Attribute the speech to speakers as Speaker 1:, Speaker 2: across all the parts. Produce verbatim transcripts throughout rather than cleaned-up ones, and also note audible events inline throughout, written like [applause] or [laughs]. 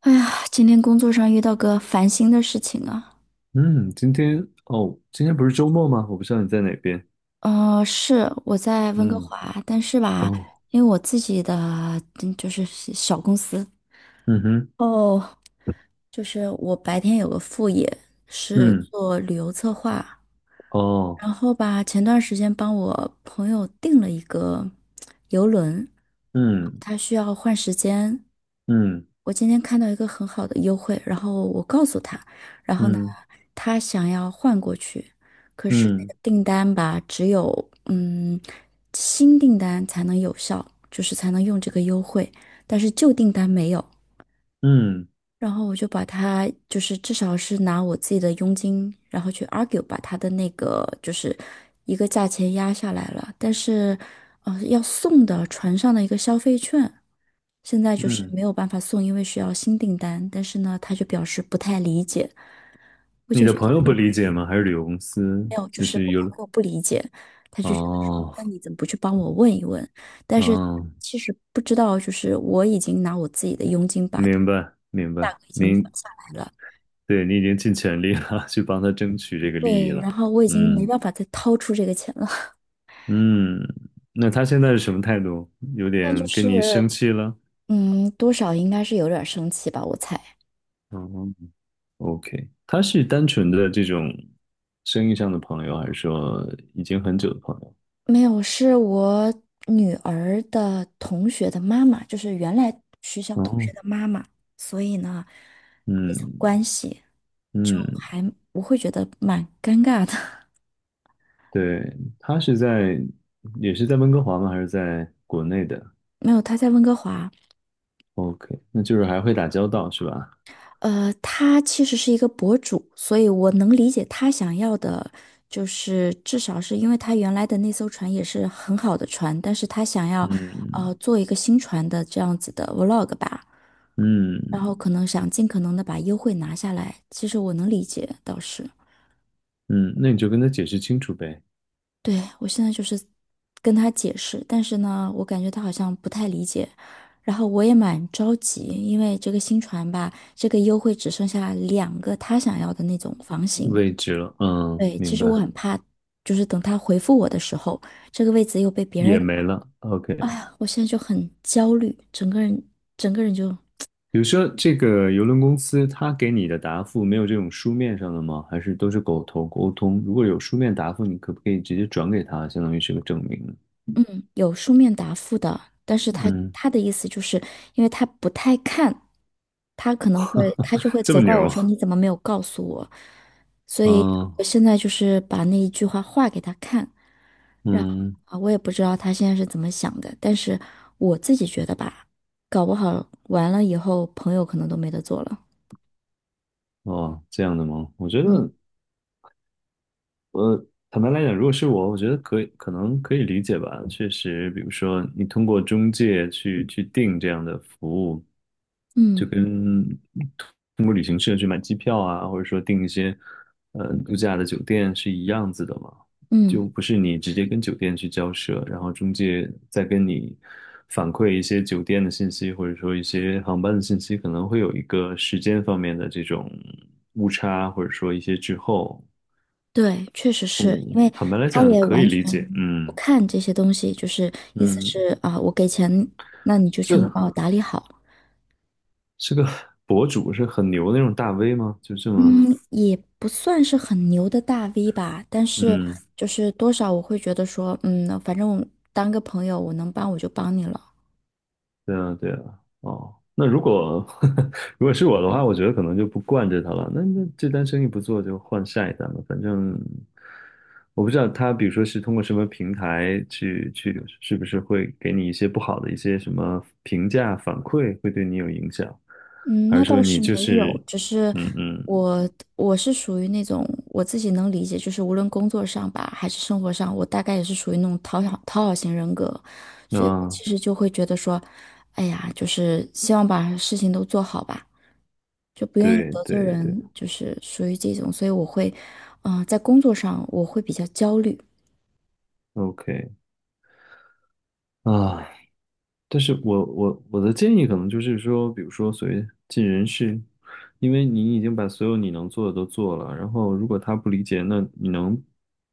Speaker 1: 哎呀，今天工作上遇到个烦心的事情啊。
Speaker 2: 嗯，今天哦，今天不是周末吗？我不知道你在哪边。
Speaker 1: 呃，是我在温哥
Speaker 2: 嗯，
Speaker 1: 华，但是吧，
Speaker 2: 哦，
Speaker 1: 因为我自己的嗯就是小公司。
Speaker 2: 嗯哼，
Speaker 1: 哦，就是我白天有个副业是
Speaker 2: 嗯，
Speaker 1: 做旅游策划。
Speaker 2: 哦，
Speaker 1: 然后吧，前段时间帮我朋友订了一个游轮，
Speaker 2: 嗯，
Speaker 1: 他需要换时间。
Speaker 2: 嗯，
Speaker 1: 我今天看到一个很好的优惠，然后我告诉他。然后呢，
Speaker 2: 嗯，
Speaker 1: 他想要换过去，可是那
Speaker 2: 嗯，
Speaker 1: 个订单吧，只有嗯新订单才能有效，就是才能用这个优惠，但是旧订单没有。
Speaker 2: 嗯，
Speaker 1: 然后我就把他，就是至少是拿我自己的佣金，然后去 argue 把他的那个就是一个价钱压下来了。但是，呃，要送的船上的一个消费券，现在就是
Speaker 2: 嗯，
Speaker 1: 没有办法送，因为需要新订单。但是呢，他就表示不太理解，我
Speaker 2: 你
Speaker 1: 就
Speaker 2: 的
Speaker 1: 觉得
Speaker 2: 朋友不理解吗？还是旅游公司？
Speaker 1: 没有，就
Speaker 2: 就
Speaker 1: 是
Speaker 2: 是
Speaker 1: 我朋
Speaker 2: 有，
Speaker 1: 友不理解，他就觉得说，
Speaker 2: 哦，
Speaker 1: 那你怎么不去帮我问一问？但是
Speaker 2: 哦，
Speaker 1: 其实不知道，就是我已经拿我自己的佣金把
Speaker 2: 明
Speaker 1: 价
Speaker 2: 白，明白，
Speaker 1: 格已经压
Speaker 2: 明，
Speaker 1: 下来了。
Speaker 2: 对，你已经尽全力了，[laughs] 去帮他争取这个利益
Speaker 1: 对，
Speaker 2: 了。
Speaker 1: 然后我已经没
Speaker 2: 嗯，
Speaker 1: 办法再掏出这个钱了。
Speaker 2: 嗯，那他现在是什么态度？有
Speaker 1: 那就
Speaker 2: 点
Speaker 1: 是
Speaker 2: 跟你生气了？
Speaker 1: [laughs]，嗯，多少应该是有点儿生气吧，我猜。
Speaker 2: 嗯。OK，他是单纯的这种生意上的朋友，还是说已经很久的朋友？
Speaker 1: 没有，是我女儿的同学的妈妈，就是原来学校同学
Speaker 2: 哦，
Speaker 1: 的妈妈，所以呢，这种
Speaker 2: 嗯
Speaker 1: 关系就
Speaker 2: 嗯，
Speaker 1: 还我会觉得蛮尴尬的。
Speaker 2: 对，他是在也是在温哥华吗？还是在国内的
Speaker 1: [laughs] 没有，她在温哥华。
Speaker 2: ？OK，那就是还会打交道是吧？
Speaker 1: 呃，他其实是一个博主，所以我能理解他想要的，就是至少是因为他原来的那艘船也是很好的船，但是他想要，呃，
Speaker 2: 嗯
Speaker 1: 做一个新船的这样子的 vlog 吧。
Speaker 2: 嗯
Speaker 1: 然后可能想尽可能的把优惠拿下来，其实我能理解，倒是。
Speaker 2: 嗯，那你就跟他解释清楚呗，
Speaker 1: 对，我现在就是跟他解释，但是呢，我感觉他好像不太理解。然后我也蛮着急，因为这个新船吧，这个优惠只剩下两个他想要的那种房型。
Speaker 2: 位置了，嗯，
Speaker 1: 对，其
Speaker 2: 明
Speaker 1: 实我
Speaker 2: 白，
Speaker 1: 很怕，就是等他回复我的时候，这个位置又被别
Speaker 2: 也
Speaker 1: 人。
Speaker 2: 没了。
Speaker 1: 哎
Speaker 2: OK，
Speaker 1: 呀，我现在就很焦虑，整个人整个人就
Speaker 2: 比如说这个邮轮公司，他给你的答复没有这种书面上的吗？还是都是口头沟通？如果有书面答复，你可不可以直接转给他，相当于是个证明呢？
Speaker 1: 嗯，有书面答复的，但是他
Speaker 2: 嗯，
Speaker 1: 他的意思就是，因为他不太看，他可能会他就会
Speaker 2: 这
Speaker 1: 责
Speaker 2: 么
Speaker 1: 怪我
Speaker 2: 牛，
Speaker 1: 说你怎么没有告诉我，所以
Speaker 2: 嗯
Speaker 1: 我现在就是把那一句话画给他看。然后
Speaker 2: 嗯，
Speaker 1: 啊，我也不知道他现在是怎么想的，但是我自己觉得吧，搞不好完了以后朋友可能都没得做了。
Speaker 2: 哦，这样的吗？我觉
Speaker 1: 嗯
Speaker 2: 得，我坦白来讲，如果是我，我觉得可以，可能可以理解吧。确实，比如说你通过中介去去订这样的服务，就
Speaker 1: 嗯
Speaker 2: 跟通过旅行社去买机票啊，或者说订一些呃度假的酒店是一样子的嘛，
Speaker 1: 嗯。
Speaker 2: 就不是你直接跟酒店去交涉，然后中介再跟你反馈一些酒店的信息，或者说一些航班的信息，可能会有一个时间方面的这种误差，或者说一些滞后。
Speaker 1: 对，确实是
Speaker 2: 嗯，
Speaker 1: 因为
Speaker 2: 坦白来
Speaker 1: 他
Speaker 2: 讲
Speaker 1: 也
Speaker 2: 可以
Speaker 1: 完全
Speaker 2: 理解。
Speaker 1: 不
Speaker 2: 嗯
Speaker 1: 看这些东西，就是意思
Speaker 2: 嗯，
Speaker 1: 是啊，我给钱，那你就全部
Speaker 2: 是
Speaker 1: 帮我打理好。
Speaker 2: 是个 [laughs] 博主，是很牛的那种大 V 吗？就这么，
Speaker 1: 嗯，也不算是很牛的大 V 吧，但是
Speaker 2: 嗯，
Speaker 1: 就是多少我会觉得说，嗯，反正我当个朋友，我能帮我就帮你了。
Speaker 2: 对啊对啊。哦，那如果 [laughs] 如果是我的话，我觉得可能就不惯着他了。那那这单生意不做，就换下一单了。反正我不知道他，比如说是通过什么平台去去，是不是会给你一些不好的一些什么评价反馈，会对你有影响，
Speaker 1: 嗯，
Speaker 2: 还
Speaker 1: 那
Speaker 2: 是说
Speaker 1: 倒是
Speaker 2: 你
Speaker 1: 没
Speaker 2: 就
Speaker 1: 有，
Speaker 2: 是，
Speaker 1: 只是
Speaker 2: 嗯嗯。
Speaker 1: 我我是属于那种我自己能理解，就是无论工作上吧，还是生活上，我大概也是属于那种讨好讨好型人格，所以我
Speaker 2: 啊？
Speaker 1: 其实就会觉得说，哎呀，就是希望把事情都做好吧，就不愿意
Speaker 2: 对
Speaker 1: 得罪
Speaker 2: 对对
Speaker 1: 人，就是属于这种，所以我会，嗯、在工作上我会比较焦虑。
Speaker 2: ，OK 啊，但是我我我的建议可能就是说，比如说所谓尽人事，因为你已经把所有你能做的都做了，然后如果他不理解，那你能，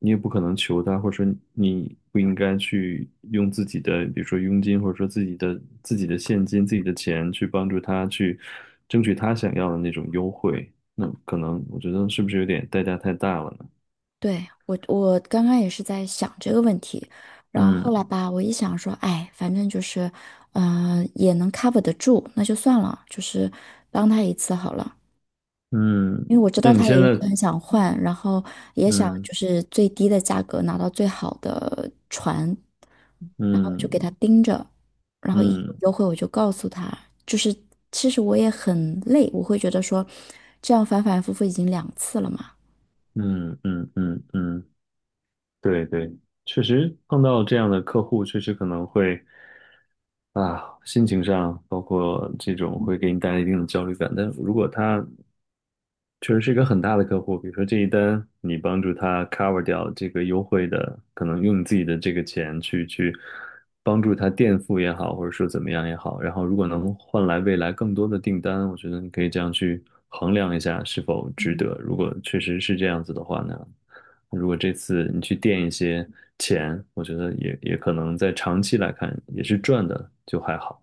Speaker 2: 你也不可能求他，或者说你不应该去用自己的，比如说佣金，或者说自己的自己的现金、自己的钱去帮助他去争取他想要的那种优惠，那可能我觉得是不是有点代价太大了呢？
Speaker 1: 对，我，我刚刚也是在想这个问题。然后后来
Speaker 2: 嗯
Speaker 1: 吧，我一想说，哎，反正就是，嗯、也能 cover 得住，那就算了，就是帮他一次好了。
Speaker 2: 嗯，
Speaker 1: 因为我知
Speaker 2: 那
Speaker 1: 道
Speaker 2: 你
Speaker 1: 他也
Speaker 2: 现
Speaker 1: 一直
Speaker 2: 在
Speaker 1: 很想换，然后也想
Speaker 2: 嗯。
Speaker 1: 就是最低的价格拿到最好的船，然后就给
Speaker 2: 嗯
Speaker 1: 他盯着，然后一有
Speaker 2: 嗯
Speaker 1: 优惠我就告诉他。就是其实我也很累，我会觉得说，这样反反复复已经两次了嘛。
Speaker 2: 嗯嗯嗯嗯，对对，确实碰到这样的客户，确实可能会啊，心情上包括这种会给你带来一定的焦虑感。但如果他确实是一个很大的客户，比如说这一单，你帮助他 cover 掉这个优惠的，可能用你自己的这个钱去去帮助他垫付也好，或者说怎么样也好，然后如果能换来未来更多的订单，我觉得你可以这样去衡量一下是否值得。如果确实是这样子的话呢，如果这次你去垫一些钱，我觉得也也可能在长期来看也是赚的，就还好。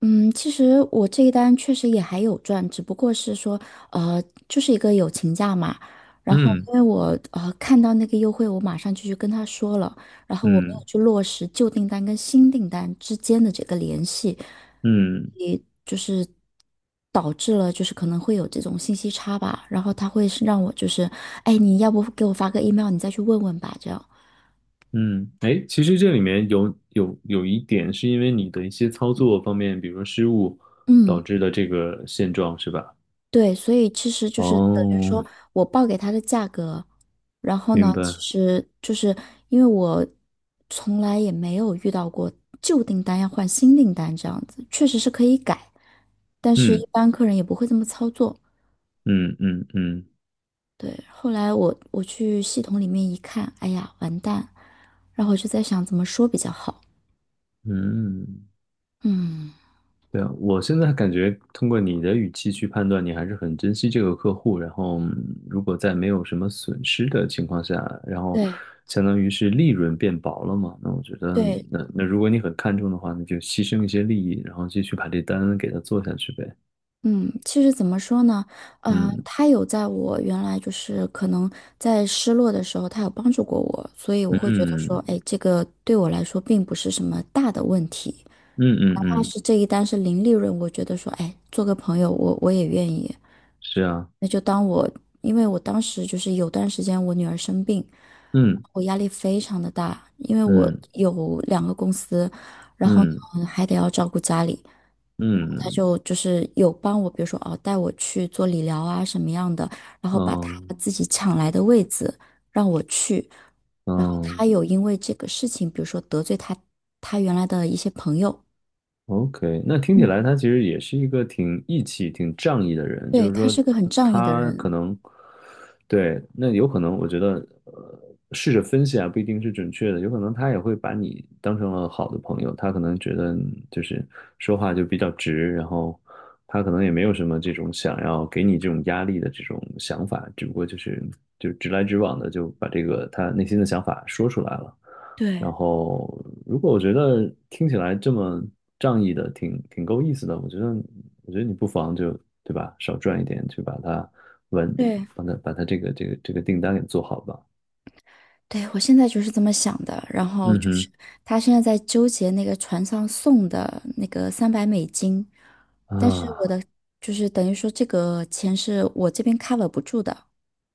Speaker 1: 嗯，其实我这一单确实也还有赚，只不过是说，呃，就是一个友情价嘛。然后因
Speaker 2: 嗯
Speaker 1: 为我呃看到那个优惠，我马上就去跟他说了，然后我没有
Speaker 2: 嗯
Speaker 1: 去落实旧订单跟新订单之间的这个联系，
Speaker 2: 嗯。
Speaker 1: 也就是导致了就是可能会有这种信息差吧。然后他会是让我就是，哎，你要不给我发个 email，你再去问问吧，这样。
Speaker 2: 嗯，哎，其实这里面有有有一点是因为你的一些操作方面，比如说失误
Speaker 1: 嗯。
Speaker 2: 导致的这个现状，是吧？
Speaker 1: 对，所以其实就是等于
Speaker 2: 哦，
Speaker 1: 说我报给他的价格，然后
Speaker 2: 明
Speaker 1: 呢，其
Speaker 2: 白。
Speaker 1: 实就是因为我从来也没有遇到过旧订单要换新订单这样子，确实是可以改，但是
Speaker 2: 嗯
Speaker 1: 一般客人也不会这么操作。
Speaker 2: 嗯嗯嗯
Speaker 1: 对，后来我我去系统里面一看，哎呀，完蛋，然后我就在想怎么说比较好。
Speaker 2: 嗯，
Speaker 1: 嗯，
Speaker 2: 对啊，我现在感觉通过你的语气去判断，你还是很珍惜这个客户，然后嗯如果在没有什么损失的情况下，然后
Speaker 1: 对
Speaker 2: 相当于是利润变薄了嘛，那我觉得
Speaker 1: 对，
Speaker 2: 那那如果你很看重的话，那就牺牲一些利益，然后继续把这单给他做下去呗。
Speaker 1: 嗯，其实怎么说呢？呃，
Speaker 2: 嗯
Speaker 1: 他有在我原来就是可能在失落的时候，他有帮助过我，所以我会觉得说，
Speaker 2: 嗯
Speaker 1: 哎，这个对我来说并不是什么大的问题。
Speaker 2: 嗯嗯
Speaker 1: 但
Speaker 2: 嗯，
Speaker 1: 是这一单是零利润，我觉得说，哎，做个朋友，我我也愿意。
Speaker 2: 是啊，
Speaker 1: 那就当我，因为我当时就是有段时间我女儿生病，
Speaker 2: 嗯
Speaker 1: 我压力非常的大，因为我
Speaker 2: 嗯
Speaker 1: 有两个公司，然后
Speaker 2: 嗯
Speaker 1: 呢还得要照顾家里，然后她
Speaker 2: 嗯
Speaker 1: 就就是有帮我，比如说哦带我去做理疗啊什么样的，然后把他
Speaker 2: 嗯
Speaker 1: 自己抢来的位子让我去，然后他
Speaker 2: 嗯
Speaker 1: 有因为这个事情，比如说得罪他他原来的一些朋友。
Speaker 2: ，OK，那听起
Speaker 1: 嗯。
Speaker 2: 来他其实也是一个挺义气、挺仗义的人，
Speaker 1: 对，
Speaker 2: 就是
Speaker 1: 他
Speaker 2: 说
Speaker 1: 是个很仗义的
Speaker 2: 他可
Speaker 1: 人。
Speaker 2: 能。对，那有可能，我觉得，呃，试着分析啊，不一定是准确的，有可能他也会把你当成了好的朋友，他可能觉得你就是说话就比较直，然后他可能也没有什么这种想要给你这种压力的这种想法，只不过就是就直来直往的就把这个他内心的想法说出来了。
Speaker 1: 对，
Speaker 2: 然后，如果我觉得听起来这么仗义的，挺挺够意思的，我觉得，我觉得你不妨就，对吧，少赚一点，去把它完
Speaker 1: 对，
Speaker 2: 把它把它这个这个这个订单给做好吧。
Speaker 1: 对，我现在就是这么想的。然后
Speaker 2: 嗯
Speaker 1: 就是
Speaker 2: 哼
Speaker 1: 他现在在纠结那个船上送的那个三百美金，但是我
Speaker 2: 啊
Speaker 1: 的就是等于说这个钱是我这边 cover 不住的。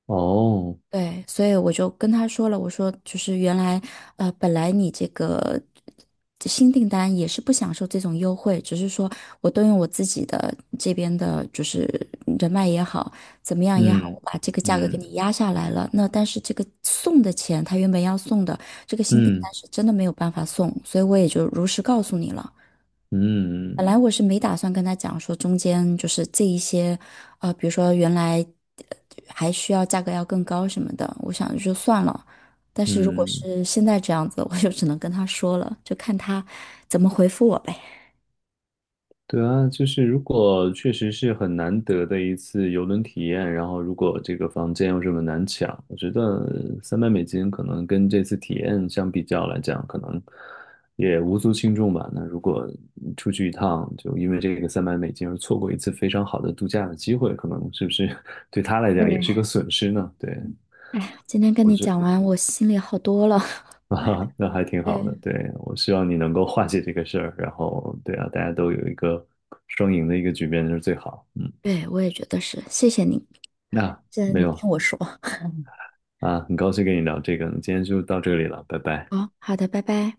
Speaker 2: 哦
Speaker 1: 对，所以我就跟他说了，我说就是原来，呃，本来你这个这新订单也是不享受这种优惠，只是说我动用我自己的这边的，就是人脉也好，怎么样也好，我
Speaker 2: 嗯
Speaker 1: 把这个价格给
Speaker 2: 嗯
Speaker 1: 你压下来了。那但是这个送的钱，他原本要送的这个新订
Speaker 2: 嗯
Speaker 1: 单是真的没有办法送，所以我也就如实告诉你了。
Speaker 2: 嗯
Speaker 1: 本
Speaker 2: 嗯
Speaker 1: 来我是没打算跟他讲说中间就是这一些，呃，比如说原来呃还需要价格要更高什么的，我想就算了。但是如果
Speaker 2: 嗯。
Speaker 1: 是现在这样子，我就只能跟他说了，就看他怎么回复我呗。
Speaker 2: 对啊，就是如果确实是很难得的一次游轮体验，然后如果这个房间又这么难抢，我觉得三百美金可能跟这次体验相比较来讲，可能也无足轻重吧。那如果出去一趟，就因为这个三百美金而错过一次非常好的度假的机会，可能是不是 [laughs] 对他来讲也
Speaker 1: 对，
Speaker 2: 是一个损失呢？对。
Speaker 1: 哎呀，今天跟你讲完，我心里好多了。
Speaker 2: [laughs] 啊，
Speaker 1: [laughs]
Speaker 2: 那还挺好的。
Speaker 1: 对，
Speaker 2: 对，我希望你能够化解这个事儿，然后对啊，大家都有一个双赢的一个局面就是最好。嗯。
Speaker 1: 对，我也觉得是，谢谢你，
Speaker 2: 那、
Speaker 1: 谢谢
Speaker 2: 没
Speaker 1: 你
Speaker 2: 有
Speaker 1: 听我说。
Speaker 2: 啊，很高兴跟你聊这个，那今天就到这里了，拜拜。
Speaker 1: 好，好的，拜拜。